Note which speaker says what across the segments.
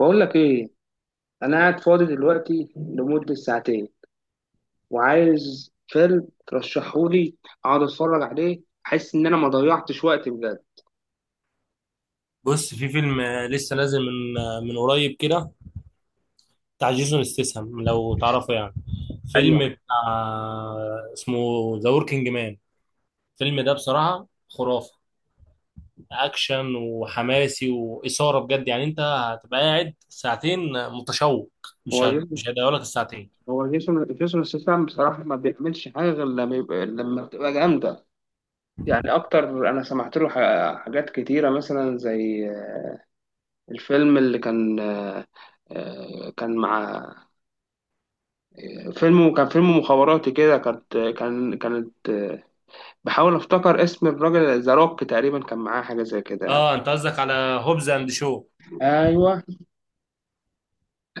Speaker 1: بقول لك ايه؟ انا قاعد فاضي دلوقتي لمدة ساعتين، وعايز فيلم ترشحهولي، اقعد اتفرج عليه، احس ان انا ما ضيعتش وقت بجد.
Speaker 2: بص، في فيلم لسه نازل من من قريب كده، بتاع جيسون استسهم لو تعرفه يعني.
Speaker 1: ايوه.
Speaker 2: فيلم بتاع اسمه ذا وركينج مان. الفيلم ده بصراحة خرافة، أكشن وحماسي وإثارة بجد، يعني أنت هتبقى قاعد ساعتين متشوق.
Speaker 1: هو جيسون
Speaker 2: مش هيضيعوا لك الساعتين.
Speaker 1: هو جيسون ستاثام، بصراحة ما بيعملش حاجة غير لما بتبقى جامدة. يعني اكتر انا سمعت له حاجات كتيرة، مثلا زي الفيلم اللي كان، كان مع، فيلم كان فيلم مخابراتي كده، كانت، بحاول افتكر اسم الراجل، ذا روك تقريبا كان معاه حاجه زي كده يعني.
Speaker 2: اه، انت قصدك على هوبز اند شو؟
Speaker 1: ايوه،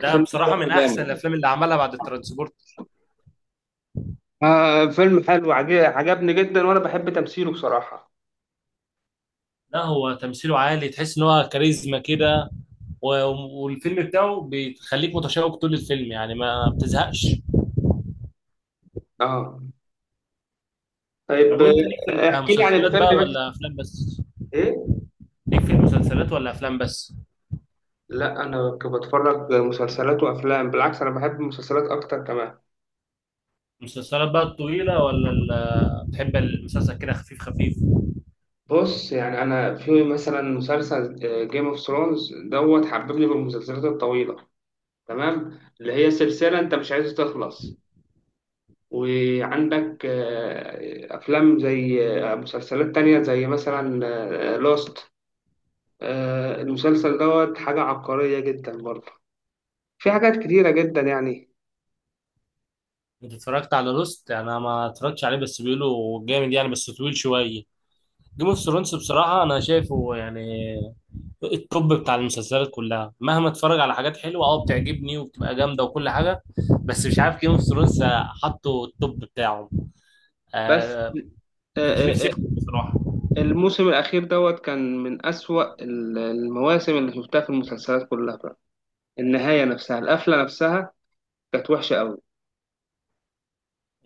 Speaker 2: ده بصراحة من
Speaker 1: ده
Speaker 2: أحسن
Speaker 1: جامد.
Speaker 2: الأفلام اللي عملها بعد الترانسبورت.
Speaker 1: آه، فيلم حلو، عجبني جدا، وانا بحب تمثيله بصراحه.
Speaker 2: لا، هو تمثيله عالي، تحس ان هو كاريزما كده. و- والفيلم بتاعه بيخليك متشوق طول الفيلم، يعني ما بتزهقش.
Speaker 1: اه، طيب.
Speaker 2: طب وانت ليك في
Speaker 1: احكي لي عن
Speaker 2: المسلسلات بقى
Speaker 1: الفيلم بس.
Speaker 2: ولا افلام بس؟
Speaker 1: ايه؟
Speaker 2: ليك في المسلسلات ولا افلام بس؟
Speaker 1: لا، انا بتفرج مسلسلات وافلام، بالعكس انا بحب المسلسلات اكتر كمان.
Speaker 2: المسلسلات بقى الطويلة ولا بتحب المسلسل كده خفيف خفيف؟
Speaker 1: بص، يعني انا في مثلا مسلسل جيم اوف ثرونز حببني بالمسلسلات الطويله، تمام؟ اللي هي سلسله انت مش عايز تخلص. وعندك أفلام زي، مسلسلات تانية زي مثلا لوست، المسلسل حاجة عبقرية جدا برضه، في حاجات كتيرة جدا يعني.
Speaker 2: انت اتفرجت على لوست؟ انا ما اتفرجتش عليه، بس بيقولوا جامد يعني، بس طويل شوية. جيم اوف ثرونز بصراحة انا شايفه يعني التوب بتاع المسلسلات كلها، مهما اتفرج على حاجات حلوه اه بتعجبني وبتبقى جامده وكل حاجه، بس مش عارف، جيم اوف ثرونز حطوا التوب بتاعه.
Speaker 1: بس.
Speaker 2: آه،
Speaker 1: آه،
Speaker 2: ما كانش نفسي
Speaker 1: آه، آه،
Speaker 2: يخرج بصراحه.
Speaker 1: الموسم الأخير كان من أسوأ المواسم اللي شفتها في المسلسلات كلها بقى. النهاية نفسها، القفلة نفسها، كانت وحشة أوي.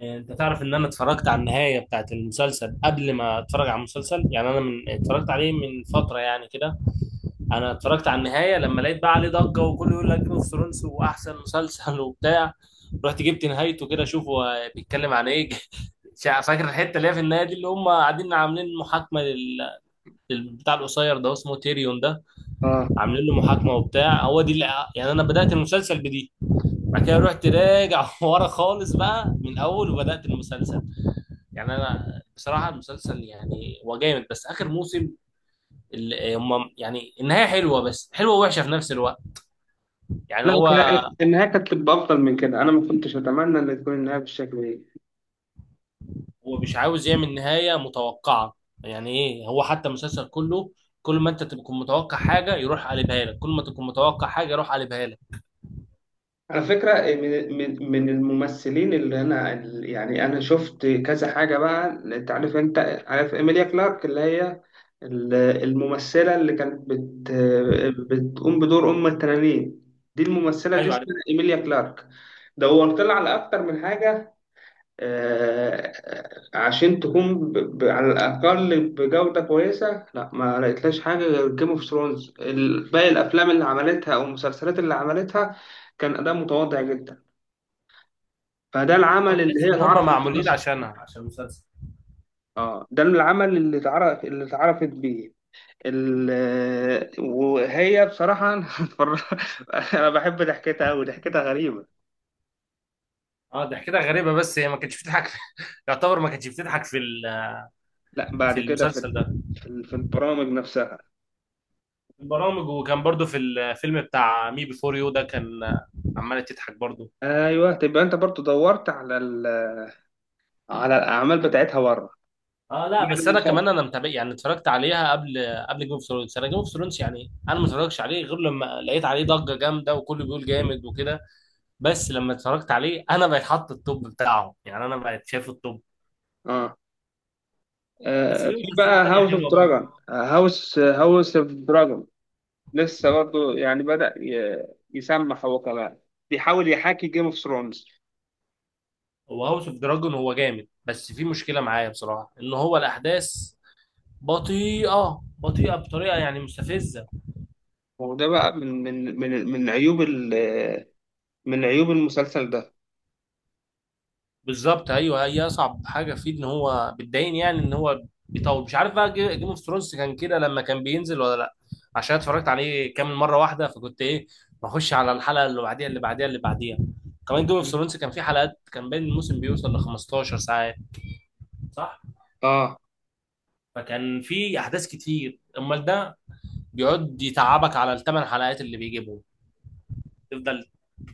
Speaker 2: انت تعرف ان انا اتفرجت على النهايه بتاعت المسلسل قبل ما اتفرج على المسلسل؟ يعني انا من اتفرجت عليه من فتره يعني كده. انا اتفرجت على النهايه لما لقيت بقى عليه ضجه وكله يقول لك جيم اوف ثرونز واحسن مسلسل وبتاع. رحت جبت نهايته كده اشوفه بيتكلم عن ايه فاكر الحته اللي هي في النهايه دي اللي هم قاعدين عاملين محاكمه بتاع القصير ده اسمه تيريون ده،
Speaker 1: اه،
Speaker 2: عاملين له محاكمه وبتاع، هو دي اللي يعني انا بدات المسلسل بدي. بعد كده رحت راجع ورا خالص بقى من اول وبدات المسلسل. يعني انا بصراحه المسلسل يعني هو جامد، بس اخر موسم اللي هم يعني النهايه حلوه، بس حلوه ووحشه في نفس الوقت. يعني
Speaker 1: لا،
Speaker 2: هو،
Speaker 1: النهاية كانت تبقى أفضل من كده، أنا ما كنتش أتمنى إن تكون النهاية بالشكل ده.
Speaker 2: هو مش عاوز يعمل نهاية متوقعة، يعني ايه. هو حتى المسلسل كله كل ما انت تكون متوقع حاجة يروح قلبها لك، كل ما تكون متوقع حاجة يروح قلبها لك.
Speaker 1: على فكرة من الممثلين اللي أنا، يعني أنا شفت كذا حاجة بقى، أنت عارف إيميليا كلارك، اللي هي الممثلة اللي كانت بتقوم بدور أم التنانين. دي الممثلة دي
Speaker 2: ايوه عارف.
Speaker 1: اسمها إيميليا كلارك. دورت لها على أكتر من حاجة، آه، عشان تكون على الأقل بجودة كويسة. لا، ما لقيتلاش حاجة غير جيم اوف ثرونز. باقي الأفلام اللي عملتها أو المسلسلات اللي عملتها كان أداء متواضع جدا. فده
Speaker 2: هو
Speaker 1: العمل اللي
Speaker 2: تحس
Speaker 1: هي
Speaker 2: ان هم
Speaker 1: اتعرفت بيه
Speaker 2: معمولين
Speaker 1: أصلا.
Speaker 2: عشانها عشان المسلسل.
Speaker 1: اه، ده العمل اللي اتعرفت بيه ال... وهي بصراحة أنا بحب ضحكتها أوي، ضحكتها غريبة.
Speaker 2: اه، ده كده غريبة بس هي ما كانتش بتضحك يعتبر ما كانتش بتضحك في
Speaker 1: لا،
Speaker 2: في
Speaker 1: بعد كده في
Speaker 2: المسلسل ده.
Speaker 1: في في البرامج نفسها.
Speaker 2: في البرامج، وكان برضو في الفيلم بتاع مي بيفور يو ده، كان عمالة تضحك برضو.
Speaker 1: ايوه، تبقى انت برضو دورت على الأعمال بتاعتها بره.
Speaker 2: اه، لا
Speaker 1: بعد
Speaker 2: بس
Speaker 1: ما
Speaker 2: انا
Speaker 1: يخلص.
Speaker 2: كمان انا متابع، يعني اتفرجت عليها قبل جيم اوف ثرونز. انا جيم اوف ثرونز يعني انا ما اتفرجش عليه غير لما لقيت عليه ضجه جامده وكله بيقول جامد وكده. بس لما اتفرجت عليه انا بقيت حاطط التوب بتاعه، يعني انا بقيت شايف التوب.
Speaker 1: اه،
Speaker 2: بس في
Speaker 1: في
Speaker 2: مسلسلات
Speaker 1: بقى
Speaker 2: تانية حلوه برضه.
Speaker 1: هاوس اوف دراجون لسه برضو يعني بدأ يسمح هو كمان، بيحاول يحاكي جيم اوف ثرونز.
Speaker 2: هو هاوس اوف دراجون هو جامد، بس في مشكله معايا بصراحه ان هو الاحداث بطيئه بطيئه بطريقه يعني مستفزه.
Speaker 1: وده بقى من عيوب المسلسل ده.
Speaker 2: بالظبط ايوه، هي اصعب حاجه فيه ان هو بتضايقني يعني ان هو بيطول. مش عارف بقى جيم اوف ثرونز كان كده لما كان بينزل ولا لا، عشان اتفرجت عليه كامل مره واحده، فكنت ايه، بخش على الحلقه اللي بعديها اللي بعديها اللي بعديها. كمان جيم اوف ثرونز كان فيه حلقات، كان بين الموسم بيوصل ل 15 ساعات، صح؟
Speaker 1: اه،
Speaker 2: فكان فيه احداث كتير. امال ده بيقعد يتعبك على الثمان حلقات اللي بيجيبهم، تفضل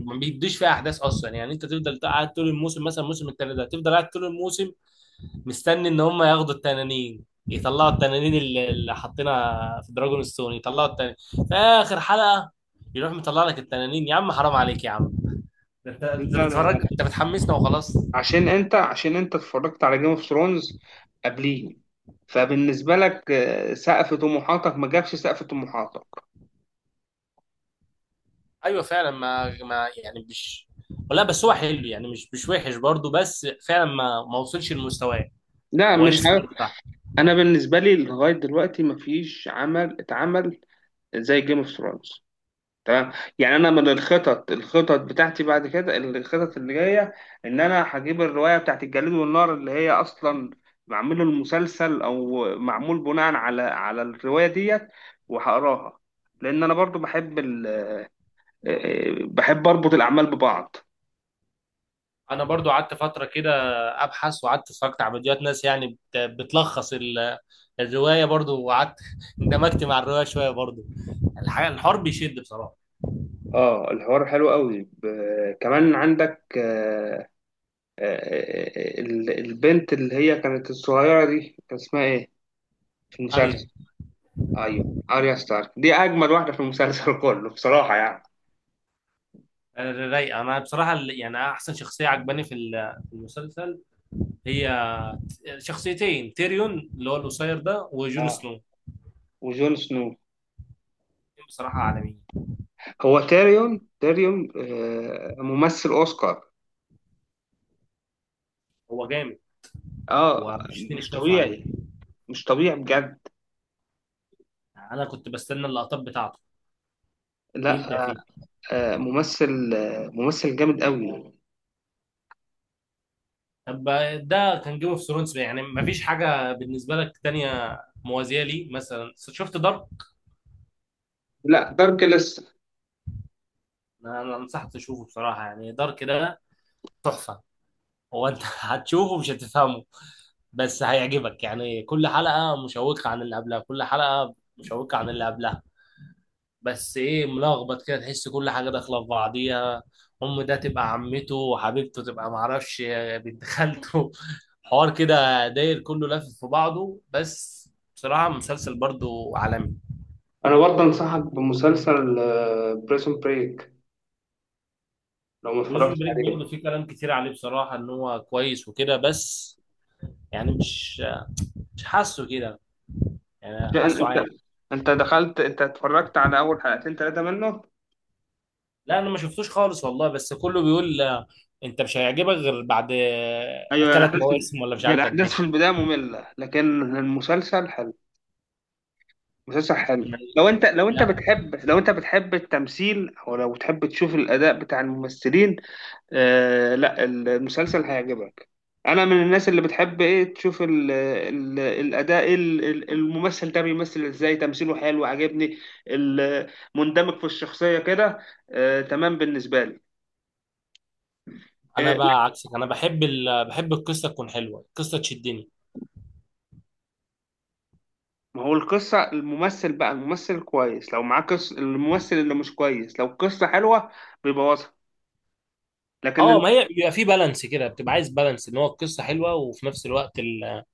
Speaker 2: ما بيديش فيها احداث اصلا، يعني انت تفضل قاعد طول الموسم مثلا الموسم التالت ده، تفضل قاعد طول الموسم مستني ان هم ياخدوا التنانين، يطلعوا التنانين اللي حاطينها في دراجون ستون، يطلعوا التنانين في اخر حلقه. يروح مطلع لك التنانين، يا عم حرام عليك يا عم، ده انت، انت
Speaker 1: لا، لا،
Speaker 2: بتفرج،
Speaker 1: لا،
Speaker 2: انت بتحمسنا وخلاص.
Speaker 1: عشان انت اتفرجت على جيم اوف ثرونز قبليه، فبالنسبه لك سقف طموحاتك ما جابش سقف طموحاتك.
Speaker 2: ايوه فعلا ما يعني مش، ولا بس هو حلو يعني مش وحش برضه، بس فعلا ما وصلش لمستواه،
Speaker 1: لا،
Speaker 2: هو
Speaker 1: مش
Speaker 2: لسه
Speaker 1: ه...
Speaker 2: برضه تحت.
Speaker 1: انا بالنسبه لي لغايه دلوقتي مفيش عمل اتعمل زي جيم اوف ثرونز، تمام؟ يعني انا من الخطط بتاعتي، بعد كده الخطط اللي جايه، ان انا هجيب الروايه بتاعت الجليد والنار، اللي هي اصلا معمول المسلسل او معمول بناء على الروايه ديت، وهقراها. لان انا برضو بحب بحب اربط الاعمال ببعض.
Speaker 2: انا برضو قعدت فتره كده ابحث، وقعدت اتفرجت على فيديوهات ناس يعني بتلخص الروايه برضو، وقعدت اندمجت مع الروايه شويه برضو. الحاجه، الحوار بيشد بصراحه.
Speaker 1: اه، الحوار حلو قوي، كمان عندك البنت اللي هي كانت الصغيرة دي كان اسمها ايه في المسلسل؟
Speaker 2: اريا.
Speaker 1: ايوه، اريا ستارك دي اجمل واحدة في المسلسل كله بصراحة يعني.
Speaker 2: رايقه. انا بصراحه يعني احسن شخصيه عجباني في في المسلسل هي شخصيتين، تيريون اللي هو القصير ده وجون
Speaker 1: اه،
Speaker 2: سنو،
Speaker 1: وجون سنو.
Speaker 2: بصراحه عالميين.
Speaker 1: هو تيريون ممثل اوسكار.
Speaker 2: هو جامد، هو
Speaker 1: اه،
Speaker 2: مش اتنين
Speaker 1: مش
Speaker 2: يختلفوا عليه.
Speaker 1: طبيعي، مش طبيعي بجد.
Speaker 2: انا كنت بستنى اللقطات بتاعته
Speaker 1: لا،
Speaker 2: بيبدع فيه.
Speaker 1: ممثل ممثل جامد قوي.
Speaker 2: طب، ده كان جيم اوف ثرونز، يعني مفيش حاجه بالنسبه لك تانية موازيه لي؟ مثلا شفت دارك؟
Speaker 1: لا، دارك لسه.
Speaker 2: انا انصحك تشوفه بصراحه، يعني دارك ده تحفه. هو انت هتشوفه مش هتفهمه، بس هيعجبك، يعني كل حلقة مشوقة عن اللي قبلها، كل حلقة مشوقة عن اللي قبلها. بس ايه، ملخبط كده، تحس كل حاجة داخلة في بعضيها. أم ده تبقى عمته، وحبيبته تبقى معرفش بنت خالته حوار كده داير كله لافف في بعضه بس، بصراحة مسلسل برضو عالمي.
Speaker 1: انا برضه انصحك بمسلسل بريسون بريك لو ما
Speaker 2: بريزون
Speaker 1: اتفرجتش
Speaker 2: بريك برضو
Speaker 1: عليه.
Speaker 2: في كلام كتير عليه بصراحة إن هو كويس وكده، بس يعني مش، مش حاسه كده، يعني
Speaker 1: عشان
Speaker 2: حاسه
Speaker 1: انت
Speaker 2: عادي.
Speaker 1: انت دخلت انت اتفرجت على اول حلقتين 3 منه.
Speaker 2: لا انا ما شفتوش خالص والله، بس كله بيقول انت مش هيعجبك غير بعد
Speaker 1: ايوه،
Speaker 2: ثلاث مواسم ولا مش
Speaker 1: هي
Speaker 2: عارف قد
Speaker 1: الاحداث في
Speaker 2: ايه.
Speaker 1: البدايه ممله لكن المسلسل حلو. مسلسل حلو
Speaker 2: أنا- لا
Speaker 1: لو انت بتحب التمثيل او لو بتحب تشوف الاداء بتاع الممثلين. آه، لا، المسلسل هيعجبك. انا من الناس اللي بتحب ايه تشوف ال ال الاداء الممثل ده بيمثل ازاي، تمثيله حلو عجبني. ال- مندمج في الشخصيه كده. آه، تمام بالنسبه لي.
Speaker 2: انا
Speaker 1: آه،
Speaker 2: بقى عكسك، انا بحب بحب القصه تكون حلوه، القصه تشدني.
Speaker 1: ما هو القصة، الممثل بقى الممثل كويس لو معاه قصة، الممثل اللي مش كويس لو القصة حلوة بيبوظها. لكن
Speaker 2: اه
Speaker 1: ال-
Speaker 2: ما هي بيبقى في بالانس كده، بتبقى عايز بالانس ان هو القصه حلوه وفي نفس الوقت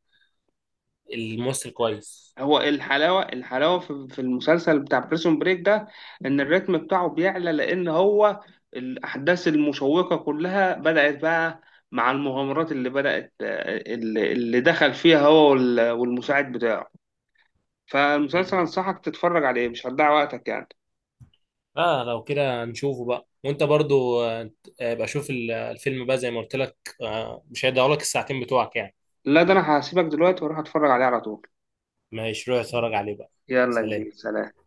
Speaker 2: الممثل كويس.
Speaker 1: هو الحلاوة، الحلاوة في المسلسل بتاع بريسون بريك ده، إن الريتم بتاعه بيعلى، لأن هو الأحداث المشوقة كلها بدأت بقى، مع المغامرات اللي بدأت اللي اللي دخل فيها هو والمساعد بتاعه. فالمسلسل
Speaker 2: مم.
Speaker 1: أنصحك تتفرج عليه، مش هتضيع وقتك يعني.
Speaker 2: اه، لو كده نشوفه بقى. وانت برضو ابقى شوف الفيلم بقى زي ما قلت لك، مش هيضيعوا لك الساعتين بتوعك يعني.
Speaker 1: لا، ده أنا هسيبك دلوقتي وأروح أتفرج عليه على طول.
Speaker 2: ماشي، روح اتفرج عليه بقى.
Speaker 1: يلا يا كبير،
Speaker 2: سلام.
Speaker 1: سلام.